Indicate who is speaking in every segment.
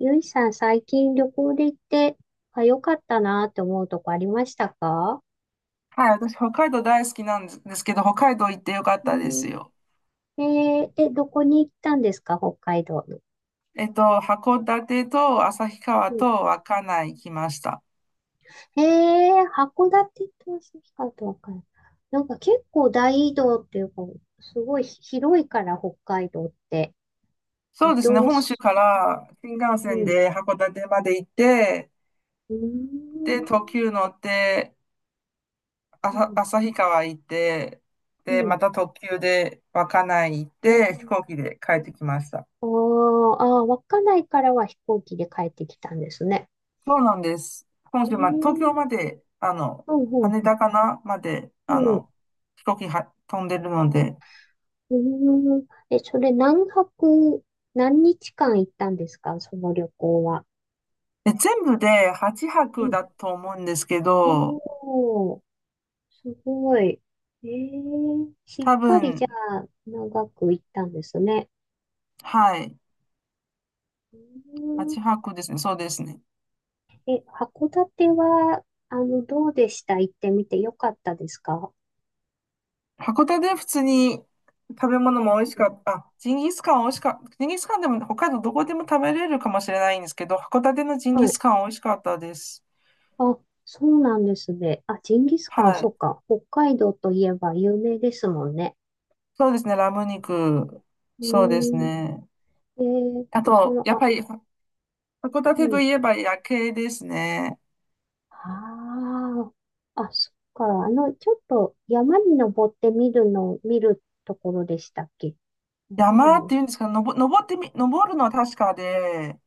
Speaker 1: ゆいさん、最近旅行で行って、あ、良かったなって思うとこありましたか？
Speaker 2: はい、私、北海道大好きなんですけど、北海道行ってよかっ
Speaker 1: う
Speaker 2: たです
Speaker 1: ん。
Speaker 2: よ。
Speaker 1: えどこに行ったんですか北海道の。
Speaker 2: 函館と旭川
Speaker 1: うん、
Speaker 2: と稚内行きました。
Speaker 1: えー、函館と旭川とわかんない。なんか結構大移動っていうか、すごい広いから北海道って。移
Speaker 2: そうですね、
Speaker 1: 動
Speaker 2: 本州
Speaker 1: す、
Speaker 2: から新幹線
Speaker 1: うん。
Speaker 2: で函館まで行って、
Speaker 1: う
Speaker 2: で、特
Speaker 1: ん。
Speaker 2: 急乗って、
Speaker 1: うん。
Speaker 2: 旭川行って、
Speaker 1: う
Speaker 2: で、
Speaker 1: ん。
Speaker 2: また特急で稚内行っ
Speaker 1: え
Speaker 2: て、飛
Speaker 1: ー、
Speaker 2: 行機で帰ってきました。
Speaker 1: あーあー、稚内からは飛行機で帰ってきたんですね。
Speaker 2: そうなんです。本
Speaker 1: え
Speaker 2: 州まで、東京
Speaker 1: ー、
Speaker 2: まで、
Speaker 1: うんうん
Speaker 2: 羽
Speaker 1: うん。
Speaker 2: 田かなまで、
Speaker 1: うん。う
Speaker 2: 飛行機は飛んでるので、
Speaker 1: ん。え、それ何泊、何日間行ったんですかその旅行は？
Speaker 2: で全部で8
Speaker 1: う
Speaker 2: 泊
Speaker 1: ん。
Speaker 2: だと思うんですけど、
Speaker 1: おー、すごい。えー、しっ
Speaker 2: 多
Speaker 1: かりじゃ
Speaker 2: 分、
Speaker 1: あ長く行ったんですね。
Speaker 2: はい、
Speaker 1: う
Speaker 2: 8
Speaker 1: ーん。
Speaker 2: 泊ですね、そうですね。
Speaker 1: え、函館は、あの、どうでした行ってみてよかったですか？
Speaker 2: 函館で普通に食べ物も美味し
Speaker 1: うん、
Speaker 2: かった、あ、ジンギスカン美味しかった、ジンギスカンでも北海道どこでも食べれるかもしれないんですけど、函館のジン
Speaker 1: は
Speaker 2: ギス
Speaker 1: い。
Speaker 2: カン美味しかったです。
Speaker 1: あ、そうなんですね。あ、ジンギスカン、
Speaker 2: は
Speaker 1: そう
Speaker 2: い、
Speaker 1: か。北海道といえば有名ですもんね。
Speaker 2: そうですね、ラム肉、
Speaker 1: う
Speaker 2: そうです
Speaker 1: ーん。
Speaker 2: ね。
Speaker 1: え
Speaker 2: あ
Speaker 1: ー、そ
Speaker 2: と、やっ
Speaker 1: の、
Speaker 2: ぱりは函
Speaker 1: う
Speaker 2: 館と
Speaker 1: ん。
Speaker 2: いえば夜景ですね。
Speaker 1: ああ。あ、そっか。あの、ちょっと山に登ってみるの、見るところでしたっけ？山に
Speaker 2: 山っ
Speaker 1: 登
Speaker 2: ていうんですか、のぼ、登ってみ、登るのは確かで、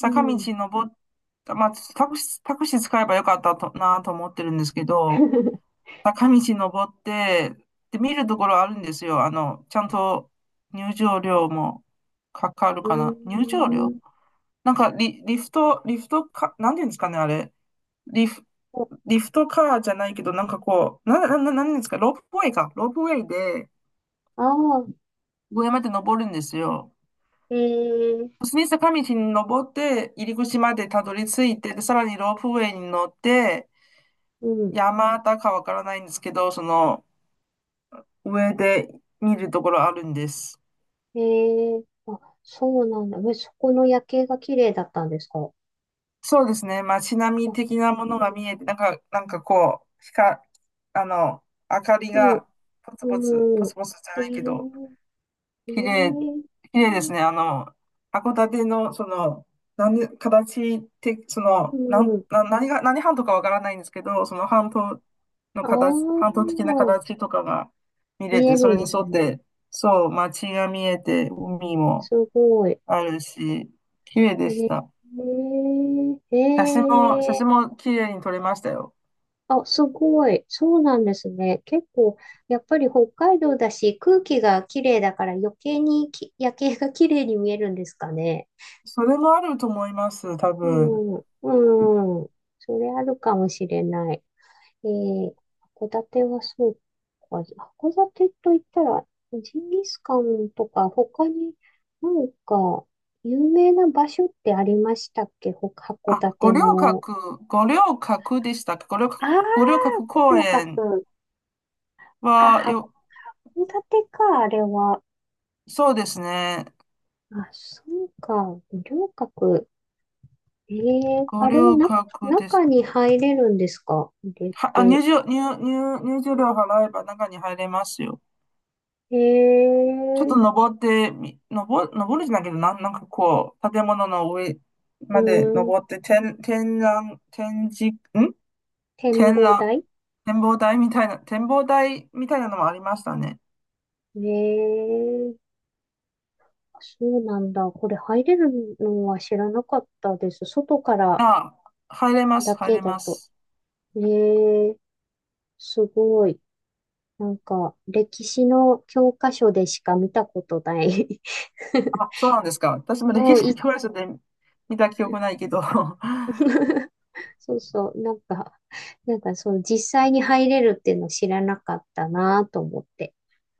Speaker 1: う
Speaker 2: 道
Speaker 1: ん。
Speaker 2: 登った、まあ、タクシー使えばよかったとなと思ってるんですけど、坂道登って、で、見るところあるんですよ。あの、ちゃんと入場料もかかる
Speaker 1: う
Speaker 2: かな。入場料、
Speaker 1: ーん。
Speaker 2: リフトか、なんていうんですかね、あれ。リフ、リフトカーじゃないけど、なんかこう、なんですか、ロープウェイか。ロープウェイで
Speaker 1: ああ、
Speaker 2: 上まで登るんですよ。
Speaker 1: ええ、
Speaker 2: 普通に坂道に登って、入り口までたどり着いて、でさらにロープウェイに乗って、
Speaker 1: うん。
Speaker 2: 山田かわからないんですけど、その上で見るところあるんです。
Speaker 1: ええ、あ、そうなんだ。え、そこの夜景が綺麗だったんですか？
Speaker 2: そうですね。街並
Speaker 1: あ、
Speaker 2: み的なものが
Speaker 1: う
Speaker 2: 見えて、なんか、なんかこう、光、あの、明かり
Speaker 1: ん、
Speaker 2: が
Speaker 1: うん、
Speaker 2: ポ
Speaker 1: う
Speaker 2: ツ
Speaker 1: ん。
Speaker 2: ポツじゃ
Speaker 1: え
Speaker 2: ないけど、
Speaker 1: え、え
Speaker 2: 綺麗、
Speaker 1: え、
Speaker 2: 綺麗ですね。あの、函館の、その、何、形て、そ
Speaker 1: う
Speaker 2: の、なん、
Speaker 1: ん。
Speaker 2: な、何が、何半島かわからないんですけど、その半島の
Speaker 1: ああ、
Speaker 2: 形、半島的な形とかが見れ
Speaker 1: 見え
Speaker 2: て、
Speaker 1: る
Speaker 2: そ
Speaker 1: ん
Speaker 2: れに
Speaker 1: です
Speaker 2: 沿っ
Speaker 1: ね。
Speaker 2: て、そう、街が見えて、海
Speaker 1: す
Speaker 2: も
Speaker 1: ごい。
Speaker 2: あるし、綺麗で
Speaker 1: え
Speaker 2: した。
Speaker 1: ー、
Speaker 2: 写
Speaker 1: え
Speaker 2: 真
Speaker 1: ー、
Speaker 2: も綺麗に撮れましたよ。
Speaker 1: あ、すごい。そうなんですね。結構、やっぱり北海道だし、空気が綺麗だから余計に夜景が綺麗に見えるんですかね。
Speaker 2: それもあると思います、多
Speaker 1: う
Speaker 2: 分。
Speaker 1: ん、うん。それあるかもしれない。えー、函館はそうか。函館と言ったら、ジンギスカンとか、他になんか、有名な場所ってありましたっけ函
Speaker 2: あ、
Speaker 1: 館の？
Speaker 2: 五稜郭でしたっけ、
Speaker 1: ああ、
Speaker 2: 五稜郭
Speaker 1: 五
Speaker 2: 公
Speaker 1: 稜
Speaker 2: 園
Speaker 1: 郭。あ、
Speaker 2: はよ、
Speaker 1: 函館か、あれは。
Speaker 2: そうですね。
Speaker 1: あ、そうか、五稜郭。ええ、
Speaker 2: ご
Speaker 1: あれは
Speaker 2: 留
Speaker 1: な、
Speaker 2: 学です。
Speaker 1: 中に入れるんですか入れ
Speaker 2: あ、
Speaker 1: て？
Speaker 2: 入場料払えば中に入れますよ。
Speaker 1: え
Speaker 2: ちょっと
Speaker 1: え、
Speaker 2: 登ってみ、登、登るじゃないけど、なんかこう、建物の上
Speaker 1: う
Speaker 2: まで
Speaker 1: ん、
Speaker 2: 登って、
Speaker 1: 展
Speaker 2: 展
Speaker 1: 望
Speaker 2: 覧、
Speaker 1: 台。
Speaker 2: 展望台みたいな、展望台みたいなのもありましたね。
Speaker 1: ええ、そうなんだ。これ入れるのは知らなかったです。外から
Speaker 2: あ、
Speaker 1: だ
Speaker 2: 入
Speaker 1: け
Speaker 2: れ
Speaker 1: だ
Speaker 2: ま
Speaker 1: と。
Speaker 2: す。
Speaker 1: ええ、すごい。なんか、歴史の教科書でしか見たことない。
Speaker 2: あ、そうなんですか。私も
Speaker 1: う
Speaker 2: 歴
Speaker 1: ん、
Speaker 2: 史的
Speaker 1: い、
Speaker 2: 教科書で見た記憶ないけど。
Speaker 1: そうそう、なんか、なんかそう、実際に入れるっていうの知らなかったなと思って。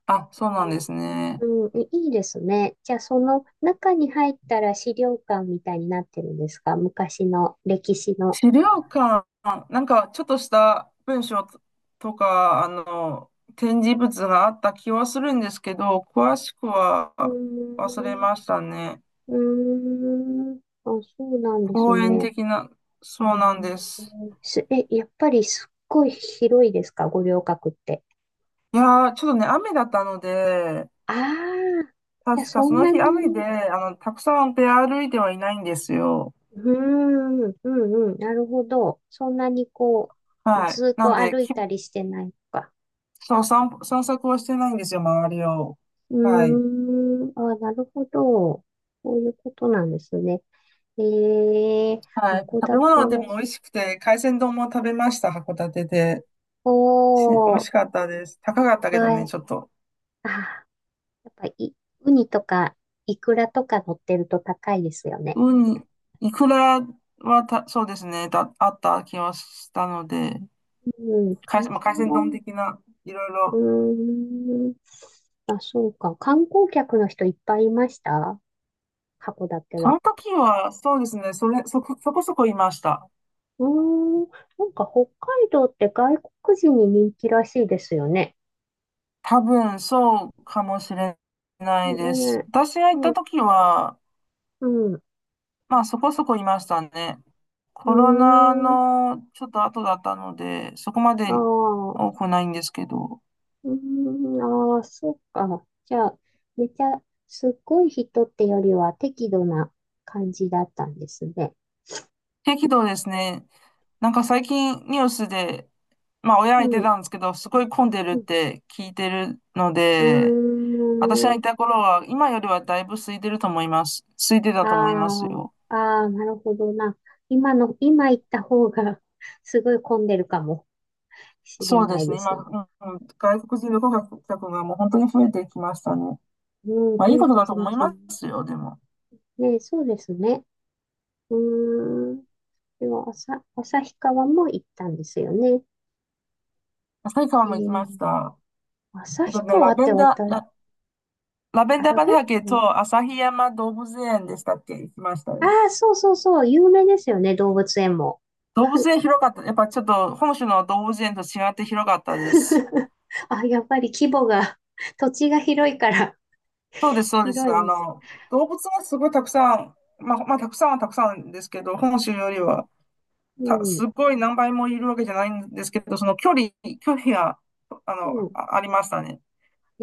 Speaker 2: あ、そうなんですね。
Speaker 1: うん、いいですね。じゃあ、その中に入ったら資料館みたいになってるんですか昔の歴史の？
Speaker 2: 資料館、なんかちょっとした文章ととか、あの、展示物があった気はするんですけど、詳しくは
Speaker 1: うー
Speaker 2: 忘れ
Speaker 1: ん、
Speaker 2: ましたね。
Speaker 1: うーん、あ、そうなんです
Speaker 2: 公園
Speaker 1: ね。
Speaker 2: 的な、
Speaker 1: うー
Speaker 2: そうなんで
Speaker 1: ん、
Speaker 2: す。
Speaker 1: え、やっぱりすっごい広いですか、五稜郭って？
Speaker 2: いやー、ちょっとね、雨だったので、
Speaker 1: ああ、じゃあ
Speaker 2: 確か
Speaker 1: そ
Speaker 2: そ
Speaker 1: ん
Speaker 2: の
Speaker 1: な
Speaker 2: 日雨で、
Speaker 1: に、
Speaker 2: あの、たくさん出歩いてはいないんですよ。
Speaker 1: うーん、うんうん、なるほど。そんなにこう、
Speaker 2: はい。
Speaker 1: ずっ
Speaker 2: な
Speaker 1: と
Speaker 2: んで、
Speaker 1: 歩い
Speaker 2: き、
Speaker 1: たりしてないのか。
Speaker 2: そう、散歩、散策はしてないんですよ、周りを。
Speaker 1: う
Speaker 2: はい。
Speaker 1: ーん、あ、なるほど。そういうことなんですね。えー、
Speaker 2: はい。
Speaker 1: 函
Speaker 2: 食べ物は
Speaker 1: 館
Speaker 2: で
Speaker 1: は、
Speaker 2: も美味しくて、海鮮丼も食べました、函館で。
Speaker 1: お
Speaker 2: 美味
Speaker 1: ー、
Speaker 2: しかったです。高かったけど
Speaker 1: は
Speaker 2: ね、
Speaker 1: い、
Speaker 2: ちょっと。
Speaker 1: あ、やっぱり、ウニとか、イクラとか乗ってると高いですよね。
Speaker 2: ウニ、イクラはた、そうですね、だ、あった気はしたので、
Speaker 1: うん、
Speaker 2: 海
Speaker 1: 海
Speaker 2: 鮮、まあ、海
Speaker 1: 鮮
Speaker 2: 鮮丼
Speaker 1: 丼、
Speaker 2: 的な、いろい
Speaker 1: う
Speaker 2: ろ。
Speaker 1: ーん、あ、そうか。観光客の人いっぱいいました函館
Speaker 2: そ
Speaker 1: は？
Speaker 2: の時は、そうですね、そこそこいました。
Speaker 1: うーん、なんか北海道って外国人に人気らしいですよね。
Speaker 2: 多分、そうかもしれな
Speaker 1: ね、
Speaker 2: いです。私が行
Speaker 1: う
Speaker 2: っ
Speaker 1: ん、
Speaker 2: た
Speaker 1: う
Speaker 2: 時は、
Speaker 1: ん、
Speaker 2: まあ、そこそこいましたね。
Speaker 1: うー
Speaker 2: コロナ
Speaker 1: ん、
Speaker 2: のちょっと後だったので、そこまで
Speaker 1: ああ、う
Speaker 2: 多くないんですけど。
Speaker 1: ーん、ああ、そっか。じゃあ、めちゃ、すっごい人ってよりは適度な感じだったんですね。
Speaker 2: 適度ですね。なんか最近ニュースで、まあ親が
Speaker 1: う
Speaker 2: 言って
Speaker 1: ん、
Speaker 2: たんですけど、すごい混んでる
Speaker 1: う
Speaker 2: っ
Speaker 1: ん、
Speaker 2: て聞いてるので、
Speaker 1: う
Speaker 2: 私が
Speaker 1: ー
Speaker 2: い
Speaker 1: ん、
Speaker 2: た頃は今よりはだいぶ空いてると思います。空いて
Speaker 1: あ
Speaker 2: たと思いますよ。
Speaker 1: あ、ああ、なるほどな。今行った方が すごい混んでるかもしれ
Speaker 2: そうで
Speaker 1: ない
Speaker 2: すね。
Speaker 1: で
Speaker 2: 今、
Speaker 1: すね。
Speaker 2: うん、外国人旅行客がもう本当に増えてきましたね。
Speaker 1: うん、
Speaker 2: まあい
Speaker 1: 増
Speaker 2: い
Speaker 1: え
Speaker 2: こと
Speaker 1: て
Speaker 2: だと
Speaker 1: きま
Speaker 2: 思い
Speaker 1: す
Speaker 2: ま
Speaker 1: ね。
Speaker 2: すよ、でも。
Speaker 1: ね、そうですね。うーん。では、朝、旭川も行ったんですよね。
Speaker 2: 旭川
Speaker 1: え
Speaker 2: も行きまし
Speaker 1: ー、
Speaker 2: た。えっと
Speaker 1: 旭
Speaker 2: ね、
Speaker 1: 川って私、
Speaker 2: ラベン
Speaker 1: ア
Speaker 2: ダー
Speaker 1: ラベッ
Speaker 2: 畑
Speaker 1: ト、
Speaker 2: と旭山動物園でしたっけ、行きました
Speaker 1: あ
Speaker 2: よ。
Speaker 1: あー、そうそうそう、有名ですよね、動物園も。
Speaker 2: 動物園広かった。やっぱちょっと本州の動物園と違って広かったです。
Speaker 1: あ、やっぱり規模が、土地が広いから、
Speaker 2: そうです。
Speaker 1: 広
Speaker 2: あ
Speaker 1: いです。
Speaker 2: の、動物がすごいたくさん、まあ、たくさんはたくさんですけど、本州よりは、
Speaker 1: うん、
Speaker 2: すごい何倍もいるわけじゃないんですけど、距離が、
Speaker 1: うん。
Speaker 2: あ、ありましたね。
Speaker 1: え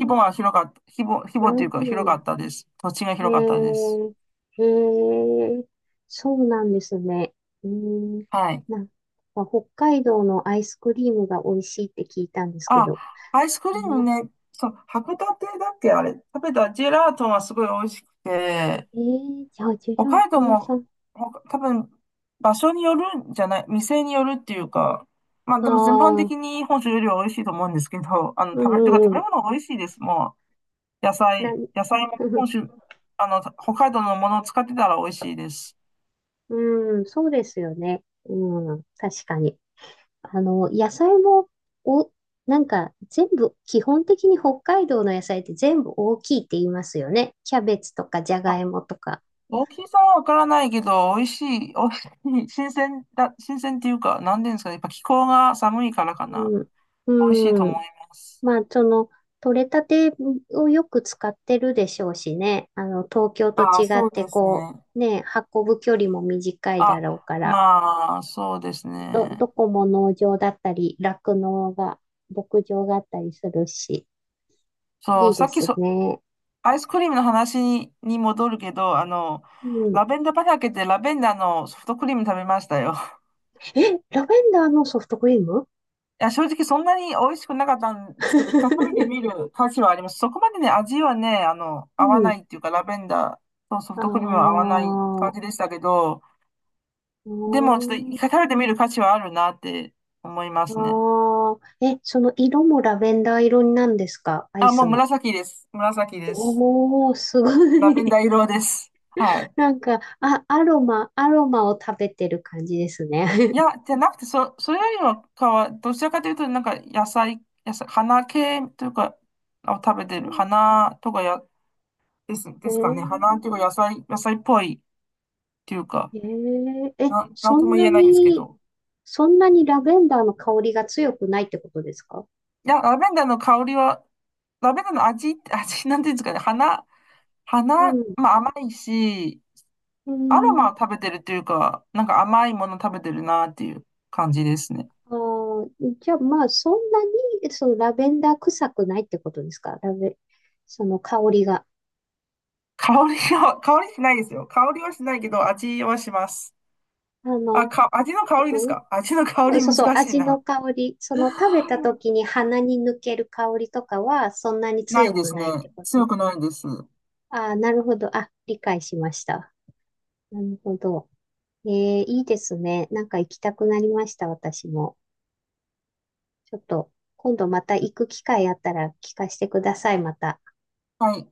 Speaker 2: 規
Speaker 1: な
Speaker 2: 模と
Speaker 1: る
Speaker 2: いうか
Speaker 1: ほ
Speaker 2: 広か
Speaker 1: ど。
Speaker 2: ったです。土地が
Speaker 1: え
Speaker 2: 広かったです。
Speaker 1: ー、へえ、そうなんですね。うーん、
Speaker 2: はい。
Speaker 1: なんか北海道のアイスクリームが美味しいって聞いたんですけ
Speaker 2: あ、
Speaker 1: ど。
Speaker 2: アイスクリー
Speaker 1: 頼
Speaker 2: ム
Speaker 1: まし
Speaker 2: ね、そう、函館だっけ、あれ、食べたジェラートがすごい美味しくて、
Speaker 1: えー、じゃあ、ジェ
Speaker 2: 北
Speaker 1: ラー
Speaker 2: 海道
Speaker 1: ト屋さ
Speaker 2: も、
Speaker 1: ん。
Speaker 2: ほか多分、場所によるんじゃない、店によるっていうか、まあ
Speaker 1: あ
Speaker 2: でも全般
Speaker 1: あ、
Speaker 2: 的に本州よりは美味しいと思うんですけど、あの、
Speaker 1: うんう
Speaker 2: てか食
Speaker 1: んう
Speaker 2: べ
Speaker 1: ん。
Speaker 2: 物が美味しいです。もう、
Speaker 1: な、
Speaker 2: 野菜も本州、あの、北海道のものを使ってたら美味しいです。
Speaker 1: うん、そうですよね。うん、確かに。あの、野菜も、お、なんか全部、基本的に北海道の野菜って全部大きいって言いますよね。キャベツとかじゃ
Speaker 2: あ、
Speaker 1: がいもとか。
Speaker 2: 大きさはわからないけど、美味しい、新鮮っていうか、なんていうんですかね、やっぱ気候が寒いからかな。
Speaker 1: うん、
Speaker 2: 美味しいと
Speaker 1: う
Speaker 2: 思い
Speaker 1: ん。
Speaker 2: ます。
Speaker 1: まあ、その、取れたてをよく使ってるでしょうしね。あの、東京と
Speaker 2: あ、
Speaker 1: 違
Speaker 2: そ
Speaker 1: っ
Speaker 2: う
Speaker 1: て、
Speaker 2: です
Speaker 1: こ
Speaker 2: ね。
Speaker 1: う、ね、運ぶ距離も短いだ
Speaker 2: あ、
Speaker 1: ろうから、
Speaker 2: まあ、そうです
Speaker 1: ど
Speaker 2: ね。
Speaker 1: こも農場だったり、酪農が、牧場があったりするし、
Speaker 2: そ
Speaker 1: い
Speaker 2: う、
Speaker 1: いで
Speaker 2: さっき
Speaker 1: す
Speaker 2: そ、
Speaker 1: ね。
Speaker 2: アイスクリームの話に、に戻るけど、あの、
Speaker 1: うん。
Speaker 2: ラベンダー畑でラベンダーのソフトクリーム食べましたよ。
Speaker 1: え、ラベンダーのソフトクリーム？
Speaker 2: いや、正直そんなに美味しくなかったんですけど、一回食べてみ る価値はあります。そこまでね、味はね、あの、
Speaker 1: う
Speaker 2: 合わな
Speaker 1: ん。
Speaker 2: いっていうか、ラベンダーとソフ
Speaker 1: あ
Speaker 2: トクリームは合わ
Speaker 1: あ、
Speaker 2: ない感じでしたけど、
Speaker 1: う
Speaker 2: でもちょっと一
Speaker 1: ーん、
Speaker 2: 回食べてみる価値はあるなって思いま
Speaker 1: あ
Speaker 2: すね。
Speaker 1: あ、え、その色もラベンダー色なんですかアイ
Speaker 2: あ、もう
Speaker 1: スの？
Speaker 2: 紫です。紫です。
Speaker 1: おー、すご
Speaker 2: ラベン
Speaker 1: い。
Speaker 2: ダー色です。は い。
Speaker 1: なんか、あ、アロマを食べてる感じですね。
Speaker 2: いや、じゃなくて、それよりもかは、どちらかというと、なんか野菜、野菜、花系というか、を食べてる。花とかや、
Speaker 1: え
Speaker 2: ですかね。
Speaker 1: ー、
Speaker 2: 花というか、野菜っぽいっていうか、
Speaker 1: えー、え、
Speaker 2: なん
Speaker 1: そ
Speaker 2: と
Speaker 1: ん
Speaker 2: も言
Speaker 1: な
Speaker 2: えないんですけ
Speaker 1: に、
Speaker 2: ど。
Speaker 1: そんなにラベンダーの香りが強くないってことですか？
Speaker 2: いや、ラベンダーの香りは、ラベンダーの味、なんていうんですかね。
Speaker 1: う
Speaker 2: 花、
Speaker 1: ん。
Speaker 2: まあ甘いし、
Speaker 1: う
Speaker 2: アロ
Speaker 1: ん。
Speaker 2: マを食べてるというか、なんか甘いもの食べてるなっていう感じですね。
Speaker 1: あー、じゃあまあ、そんなに、そのラベンダー臭くないってことですかラベ、その香りが？
Speaker 2: 香りは、香りしないですよ。香りはしないけど、味はします。
Speaker 1: あの、
Speaker 2: 味の香り
Speaker 1: う
Speaker 2: です
Speaker 1: ん、うん、
Speaker 2: か、味の香り
Speaker 1: そうそう、
Speaker 2: 難しい
Speaker 1: 味の
Speaker 2: な。
Speaker 1: 香り、その食べた 時に鼻に抜ける香りとかはそんなに
Speaker 2: ない
Speaker 1: 強
Speaker 2: で
Speaker 1: く
Speaker 2: すね。
Speaker 1: ないってこと。
Speaker 2: 強くないです。
Speaker 1: ああ、なるほど。あ、理解しました。なるほど。えー、いいですね。なんか行きたくなりました、私も。ちょっと、今度また行く機会あったら聞かせてください、また。
Speaker 2: はい。